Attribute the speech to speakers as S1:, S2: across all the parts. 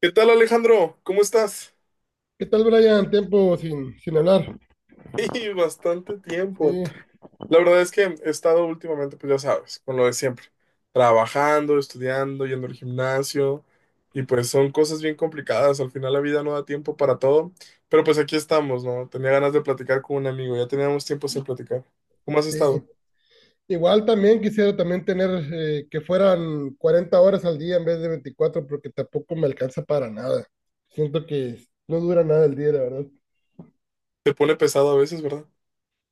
S1: ¿Qué tal, Alejandro? ¿Cómo estás?
S2: ¿Qué tal, Brian? Tiempo sin hablar.
S1: Y bastante tiempo.
S2: Sí,
S1: La verdad es que he estado últimamente, pues ya sabes, con lo de siempre, trabajando, estudiando, yendo al gimnasio, y pues son cosas bien complicadas. Al final la vida no da tiempo para todo, pero pues aquí estamos, ¿no? Tenía ganas de platicar con un amigo, ya teníamos tiempo sin platicar. ¿Cómo has
S2: sí.
S1: estado?
S2: Igual también quisiera también tener que fueran 40 horas al día en vez de 24 porque tampoco me alcanza para nada. Siento que no dura nada el día, la verdad.
S1: Te pone pesado a veces, ¿verdad?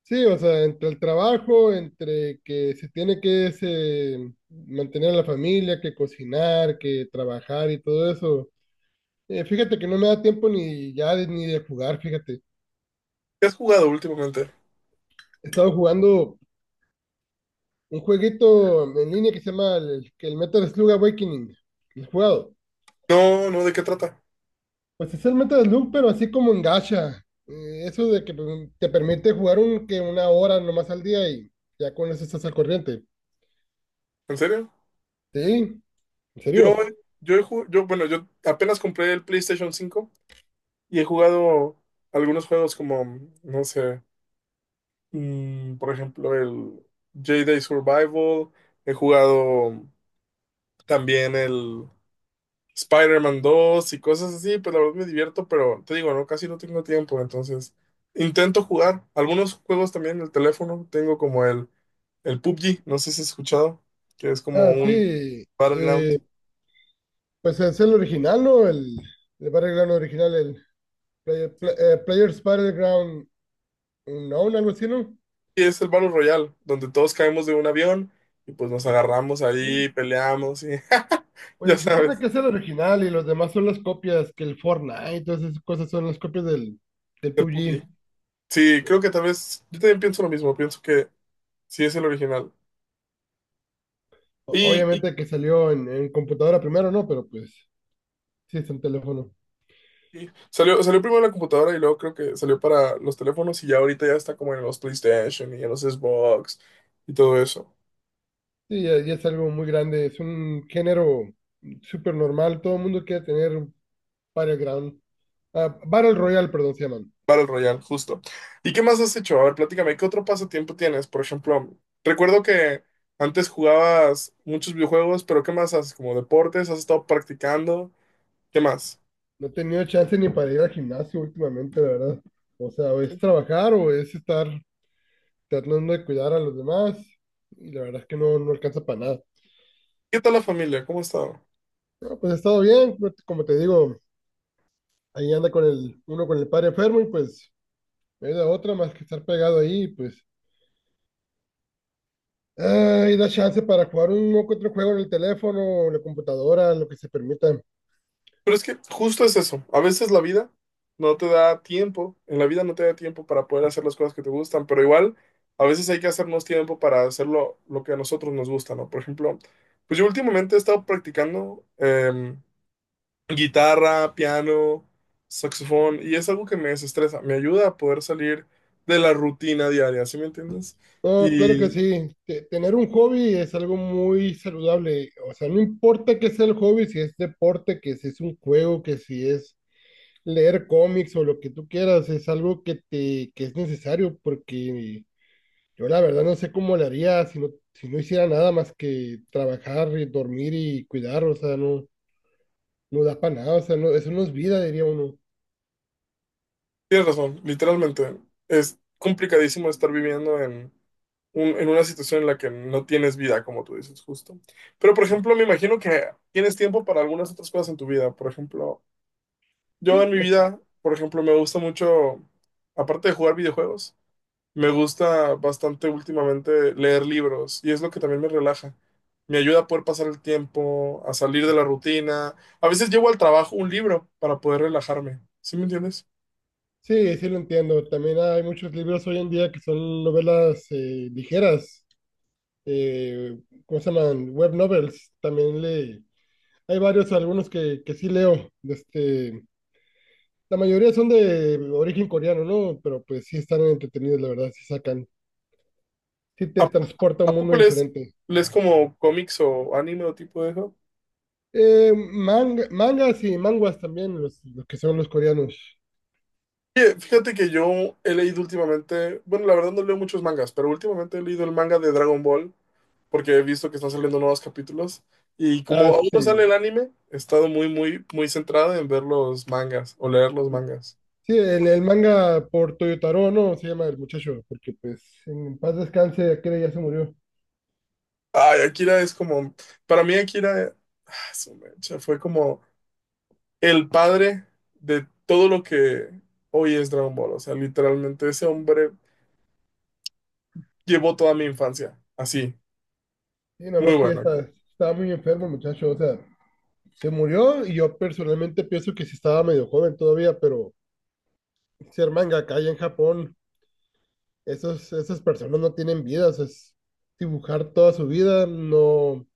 S2: Sí, o sea, entre el trabajo, entre que se tiene que ese, mantener a la familia, que cocinar, que trabajar y todo eso. Fíjate que no me da tiempo ni ya ni de jugar, fíjate.
S1: ¿Qué has jugado últimamente?
S2: He estado jugando un jueguito en línea que se llama el Metal Slug Awakening. ¿Lo ¿Has jugado?
S1: No, no, ¿de qué trata?
S2: Pues es el Metal Slug, pero así como en gacha. Eso de que pues, te permite jugar un, que 1 hora nomás al día y ya con eso estás al corriente.
S1: ¿En serio?
S2: Sí, en
S1: Yo,
S2: serio.
S1: yo, he ju- yo, bueno, yo apenas compré el PlayStation 5. Y he jugado algunos juegos como, no sé, por ejemplo, el Jedi Survival. He jugado también el Spider-Man 2 y cosas así. Pues la verdad me divierto, pero te digo, no, casi no tengo tiempo. Entonces intento jugar. Algunos juegos también en el teléfono. Tengo como el PUBG, no sé si has escuchado, que es como
S2: Ah,
S1: un
S2: sí.
S1: Battleground.
S2: Pues es el original, ¿no? El Battleground original, el
S1: Sí,
S2: Players Battleground Unknown, algo así, ¿no?
S1: y es el Battle Royale, donde todos caemos de un avión y pues nos agarramos
S2: Sí.
S1: ahí, peleamos y ya
S2: Pues se supone
S1: sabes,
S2: que es el original y los demás son las copias, que el Fortnite, todas esas cosas son las copias del
S1: el
S2: PUBG.
S1: PUBG. Sí, creo que tal vez, yo también pienso lo mismo, pienso que sí es el original. Y, y-
S2: Obviamente que salió en computadora primero, ¿no? Pero pues sí es en teléfono.
S1: y salió primero en la computadora y luego creo que salió para los teléfonos y ya ahorita ya está como en los PlayStation y en los Xbox y todo eso.
S2: Sí, ya es algo muy grande, es un género súper normal, todo el mundo quiere tener un Battleground. Ah, Battle Royale, perdón, se llaman.
S1: Battle Royale, justo. ¿Y qué más has hecho? A ver, platícame, ¿qué otro pasatiempo tienes? Por ejemplo, recuerdo que antes jugabas muchos videojuegos, pero ¿qué más haces? ¿Como deportes? ¿Has estado practicando? ¿Qué más?
S2: No he tenido chance ni para ir al gimnasio últimamente, la verdad. O sea, o es trabajar o es estar tratando de cuidar a los demás y la verdad es que no alcanza para nada.
S1: ¿Qué tal la familia? ¿Cómo ha estado?
S2: No, pues ha estado bien, no te- como te digo, ahí anda con el, uno con el padre enfermo y pues no hay de otra más que estar pegado ahí, pues. Ay, da chance para jugar un que otro juego en el teléfono, en la computadora, lo que se permita.
S1: Pero es que justo es eso. A veces la vida no te da tiempo, en la vida no te da tiempo para poder hacer las cosas que te gustan, pero igual a veces hay que hacernos tiempo para hacer lo que a nosotros nos gusta, ¿no? Por ejemplo, pues yo últimamente he estado practicando guitarra, piano, saxofón, y es algo que me desestresa, me ayuda a poder salir de la rutina diaria, ¿sí me entiendes?
S2: No, claro que sí. Tener un hobby es algo muy saludable. O sea, no importa qué sea el hobby, si es deporte, que si es un juego, que si es leer cómics o lo que tú quieras, es algo que es necesario porque yo la verdad no sé cómo le haría si no, si no hiciera nada más que trabajar, y dormir y cuidar, o sea, no, no da para nada, o sea, no, eso no es vida, diría uno.
S1: Tienes razón, literalmente. Es complicadísimo estar viviendo en una situación en la que no tienes vida, como tú dices, justo. Pero, por ejemplo, me imagino que tienes tiempo para algunas otras cosas en tu vida. Por ejemplo, yo
S2: Sí,
S1: en mi
S2: pues
S1: vida, por ejemplo, me gusta mucho, aparte de jugar videojuegos, me gusta bastante últimamente leer libros y es lo que también me relaja. Me ayuda a poder pasar el tiempo, a salir de la rutina. A veces llevo al trabajo un libro para poder relajarme. ¿Sí me entiendes?
S2: sí, sí lo entiendo. También hay muchos libros hoy en día que son novelas ligeras, eh, ¿cómo se llaman? Web novels. Hay varios, algunos que sí leo. De Este, la mayoría son de origen coreano, ¿no? Pero pues sí están entretenidos, la verdad, sí sacan, sí te
S1: ¿A poco,
S2: transporta a un
S1: a
S2: mundo
S1: poco lees,
S2: diferente.
S1: lees como cómics o anime o tipo de eso?
S2: Mangas y manguas también, los que son los coreanos.
S1: Oye, fíjate que yo he leído últimamente, bueno, la verdad no leo muchos mangas, pero últimamente he leído el manga de Dragon Ball porque he visto que están saliendo nuevos capítulos y
S2: Ah,
S1: como aún no sale
S2: sí.
S1: el anime, he estado muy, muy, muy centrado en ver los mangas o leer los
S2: Sí,
S1: mangas.
S2: sí, el manga por Toyotaro, ¿no? Se llama el muchacho, porque pues en paz descanse, aquel ya se murió.
S1: Ay, Akira es como, para mí Akira, ah, su mecha, fue como el padre de todo lo que hoy es Dragon Ball, o sea, literalmente ese hombre llevó toda mi infancia. Así,
S2: Y nada
S1: muy
S2: más que ya
S1: bueno
S2: está,
S1: aquí.
S2: estaba muy enfermo el muchacho, o sea, se murió y yo personalmente pienso que sí estaba medio joven todavía, pero ser manga acá en Japón, esas personas no tienen vida, o sea, es dibujar toda su vida, no.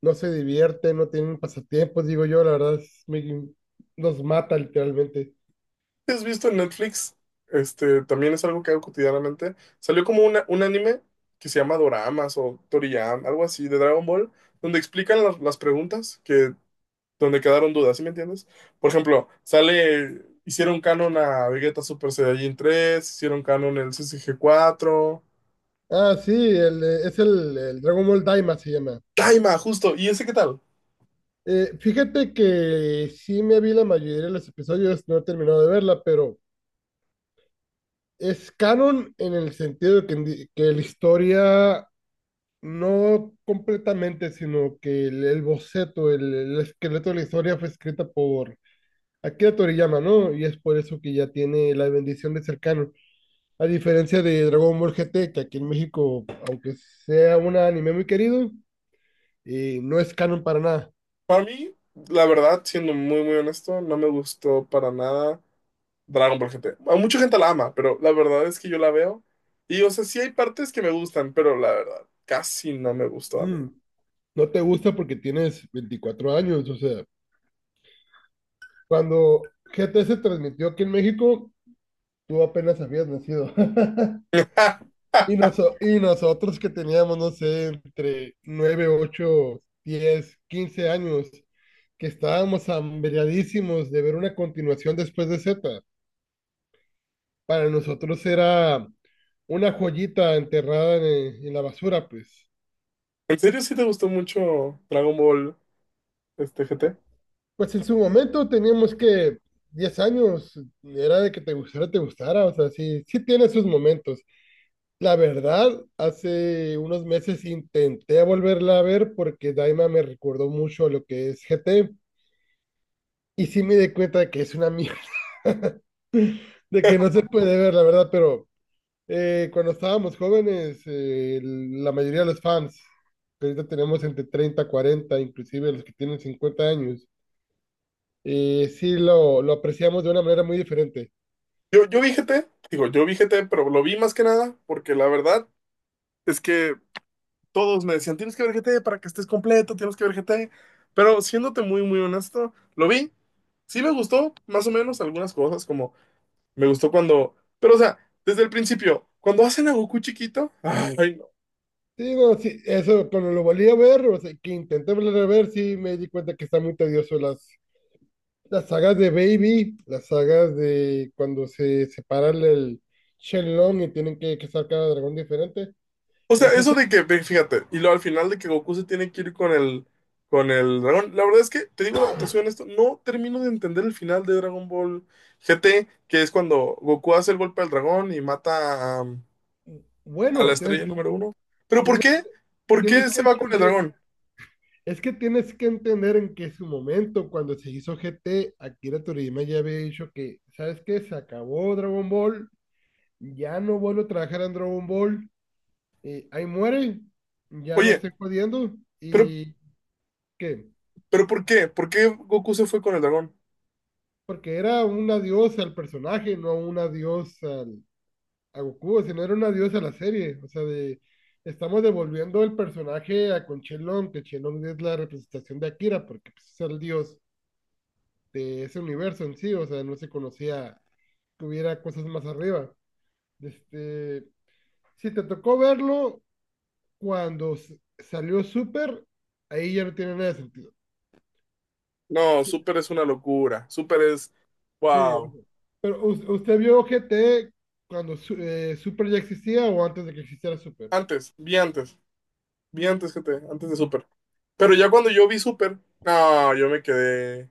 S2: No se divierten, no tienen pasatiempos, digo yo, la verdad es, los mata literalmente.
S1: ¿Has visto en Netflix? Este, también es algo que hago cotidianamente. Salió como un anime que se llama Doramas o Toriyama, algo así, de Dragon Ball, donde explican las preguntas que, donde quedaron dudas, ¿sí me entiendes? Por ejemplo, sale, hicieron canon a Vegeta Super Saiyajin tres, hicieron canon el CCG cuatro.
S2: Ah, sí, es el Dragon Ball Daima se llama.
S1: Daima, justo, ¿y ese qué tal?
S2: Fíjate que sí me vi la mayoría de los episodios, no he terminado de verla, pero es canon en el sentido de que, que la historia no completamente, sino que el boceto, el esqueleto de la historia fue escrita por Akira Toriyama, ¿no? Y es por eso que ya tiene la bendición de ser canon. A diferencia de Dragon Ball GT, que aquí en México, aunque sea un anime muy querido, no es canon para nada.
S1: Para mí, la verdad, siendo muy, muy honesto, no me gustó para nada. Dragon Ball GT. A mucha gente la ama, pero la verdad es que yo la veo. Y, o sea, sí hay partes que me gustan, pero la verdad, casi no me gustó a mí.
S2: Mm, no te gusta porque tienes 24 años, o sea, cuando GT se transmitió aquí en México, tú apenas habías nacido. Y, y nosotros que teníamos, no sé, entre 9, 8, 10, 15 años, que estábamos hambriadísimos de ver una continuación después de Z, para nosotros era una joyita enterrada en la basura, pues.
S1: ¿En serio sí te gustó mucho Dragon Ball este GT?
S2: Pues en su momento teníamos que 10 años, era de que te gustara, o sea, sí, sí tiene sus momentos. La verdad, hace unos meses intenté volverla a ver porque Daima me recordó mucho a lo que es GT y sí me di cuenta de que es una mierda, de que no se puede ver, la verdad, pero cuando estábamos jóvenes, la mayoría de los fans, que ahorita tenemos entre 30, 40, inclusive los que tienen 50 años, sí lo apreciamos de una manera muy diferente.
S1: Yo vi GT, digo, yo vi GT, pero lo vi más que nada porque la verdad es que todos me decían, tienes que ver GT para que estés completo, tienes que ver GT. Pero siéndote muy, muy honesto, lo vi. Sí me gustó, más o menos, algunas cosas como me gustó cuando. Pero, o sea, desde el principio, cuando hacen a Goku chiquito. Ay, no.
S2: Te digo, sí, eso cuando lo volví a ver, o sea, que intenté volver a ver, sí me di cuenta que está muy tedioso las sagas de Baby, las sagas de cuando se separan el Shenlong y tienen que sacar cada dragón diferente.
S1: O sea,
S2: Es
S1: eso
S2: ese,
S1: de que, ve, fíjate, y luego al final de que Goku se tiene que ir con el. Con el dragón. La verdad es que, te digo, te soy honesto, no termino de entender el final de Dragon Ball GT, que es cuando Goku hace el golpe al dragón y mata a la
S2: bueno, tienes,
S1: estrella número uno. ¿Pero por
S2: tienes,
S1: qué? ¿Por qué
S2: Tienes que
S1: se va con el
S2: entender.
S1: dragón?
S2: Es que tienes que entender en que su momento, cuando se hizo GT, Akira Toriyama ya había dicho que, ¿sabes qué? Se acabó Dragon Ball, ya no vuelvo a trabajar en Dragon Ball, ahí muere, ya no
S1: Oye,
S2: estoy jodiendo,
S1: pero,
S2: y ¿qué?
S1: pero ¿por qué? ¿Por qué Goku se fue con el dragón?
S2: Porque era un adiós al personaje, no un adiós a Goku, sino era un adiós a la serie, o sea, de, estamos devolviendo el personaje a con Shenlong, que Shenlong es la representación de Akira, porque pues, es el dios de ese universo en sí, o sea, no se conocía que hubiera cosas más arriba. Este, si te tocó verlo cuando salió Super, ahí ya no tiene nada de sentido.
S1: No,
S2: Sí,
S1: Super es una locura. Super es.
S2: sí, o
S1: Wow.
S2: sea, pero usted vio GT cuando Super ya existía o antes de que existiera Super.
S1: Antes, vi antes, vi antes antes de Super. Pero ya cuando yo vi Super, no, yo me quedé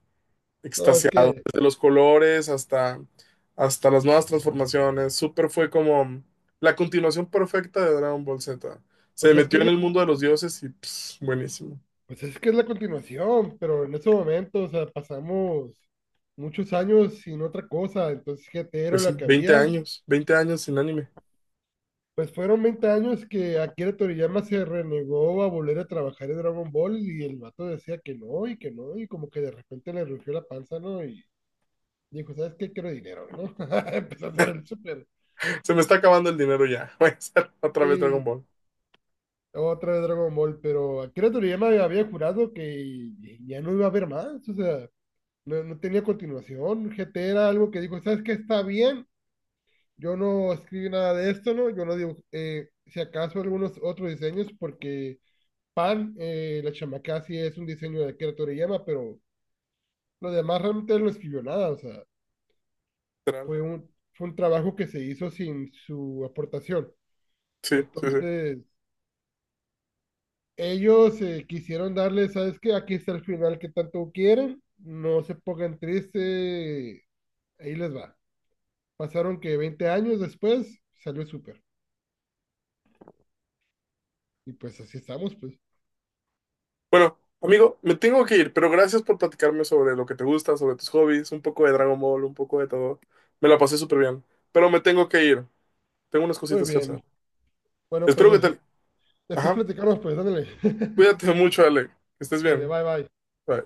S2: No, es
S1: extasiado.
S2: que,
S1: Desde los colores hasta las nuevas transformaciones. Super fue como la continuación perfecta de Dragon Ball Z. Se
S2: pues es que
S1: metió
S2: es
S1: en
S2: la,
S1: el mundo de los dioses y pss, buenísimo.
S2: pues es que es la continuación, pero en ese momento, o sea, pasamos muchos años sin otra cosa, entonces GT era
S1: Pues
S2: lo
S1: sí,
S2: que
S1: veinte
S2: había.
S1: años, 20 años sin anime.
S2: Pues fueron 20 años que Akira Toriyama se renegó a volver a trabajar en Dragon Ball y el vato decía que no y como que de repente le rugió la panza, ¿no? Y dijo, ¿sabes qué? Quiero dinero, ¿no? Empezó a hacer el super
S1: Se me está acabando el dinero ya. Voy a hacer otra vez Dragon
S2: y
S1: Ball.
S2: otra vez Dragon Ball, pero Akira Toriyama había jurado que ya no iba a haber más, o sea, no, no tenía continuación. GT era algo que dijo, ¿sabes qué? Está bien, yo no escribí nada de esto, ¿no? Yo no digo, si acaso algunos otros diseños porque Pan, la chamaca sí es un diseño de Akira Toriyama, pero lo demás realmente no escribió nada, o sea,
S1: Literal.
S2: fue un trabajo que se hizo sin su aportación.
S1: Sí, sí, sí.
S2: Entonces, ellos quisieron darle, ¿sabes qué? Aquí está el final que tanto quieren, no se pongan tristes, ahí les va. Pasaron que 20 años después salió súper. Y pues así estamos, pues.
S1: Bueno, amigo, me tengo que ir, pero gracias por platicarme sobre lo que te gusta, sobre tus hobbies, un poco de Dragon Ball, un poco de todo. Me la pasé súper bien, pero me tengo que ir. Tengo unas
S2: Muy
S1: cositas que hacer.
S2: bien. Bueno,
S1: Espero que
S2: pues
S1: te...
S2: después
S1: Ajá,
S2: platicamos, pues, ándale.
S1: cuídate mucho, Ale. Que estés
S2: Ándale,
S1: bien.
S2: bye, bye.
S1: Bye.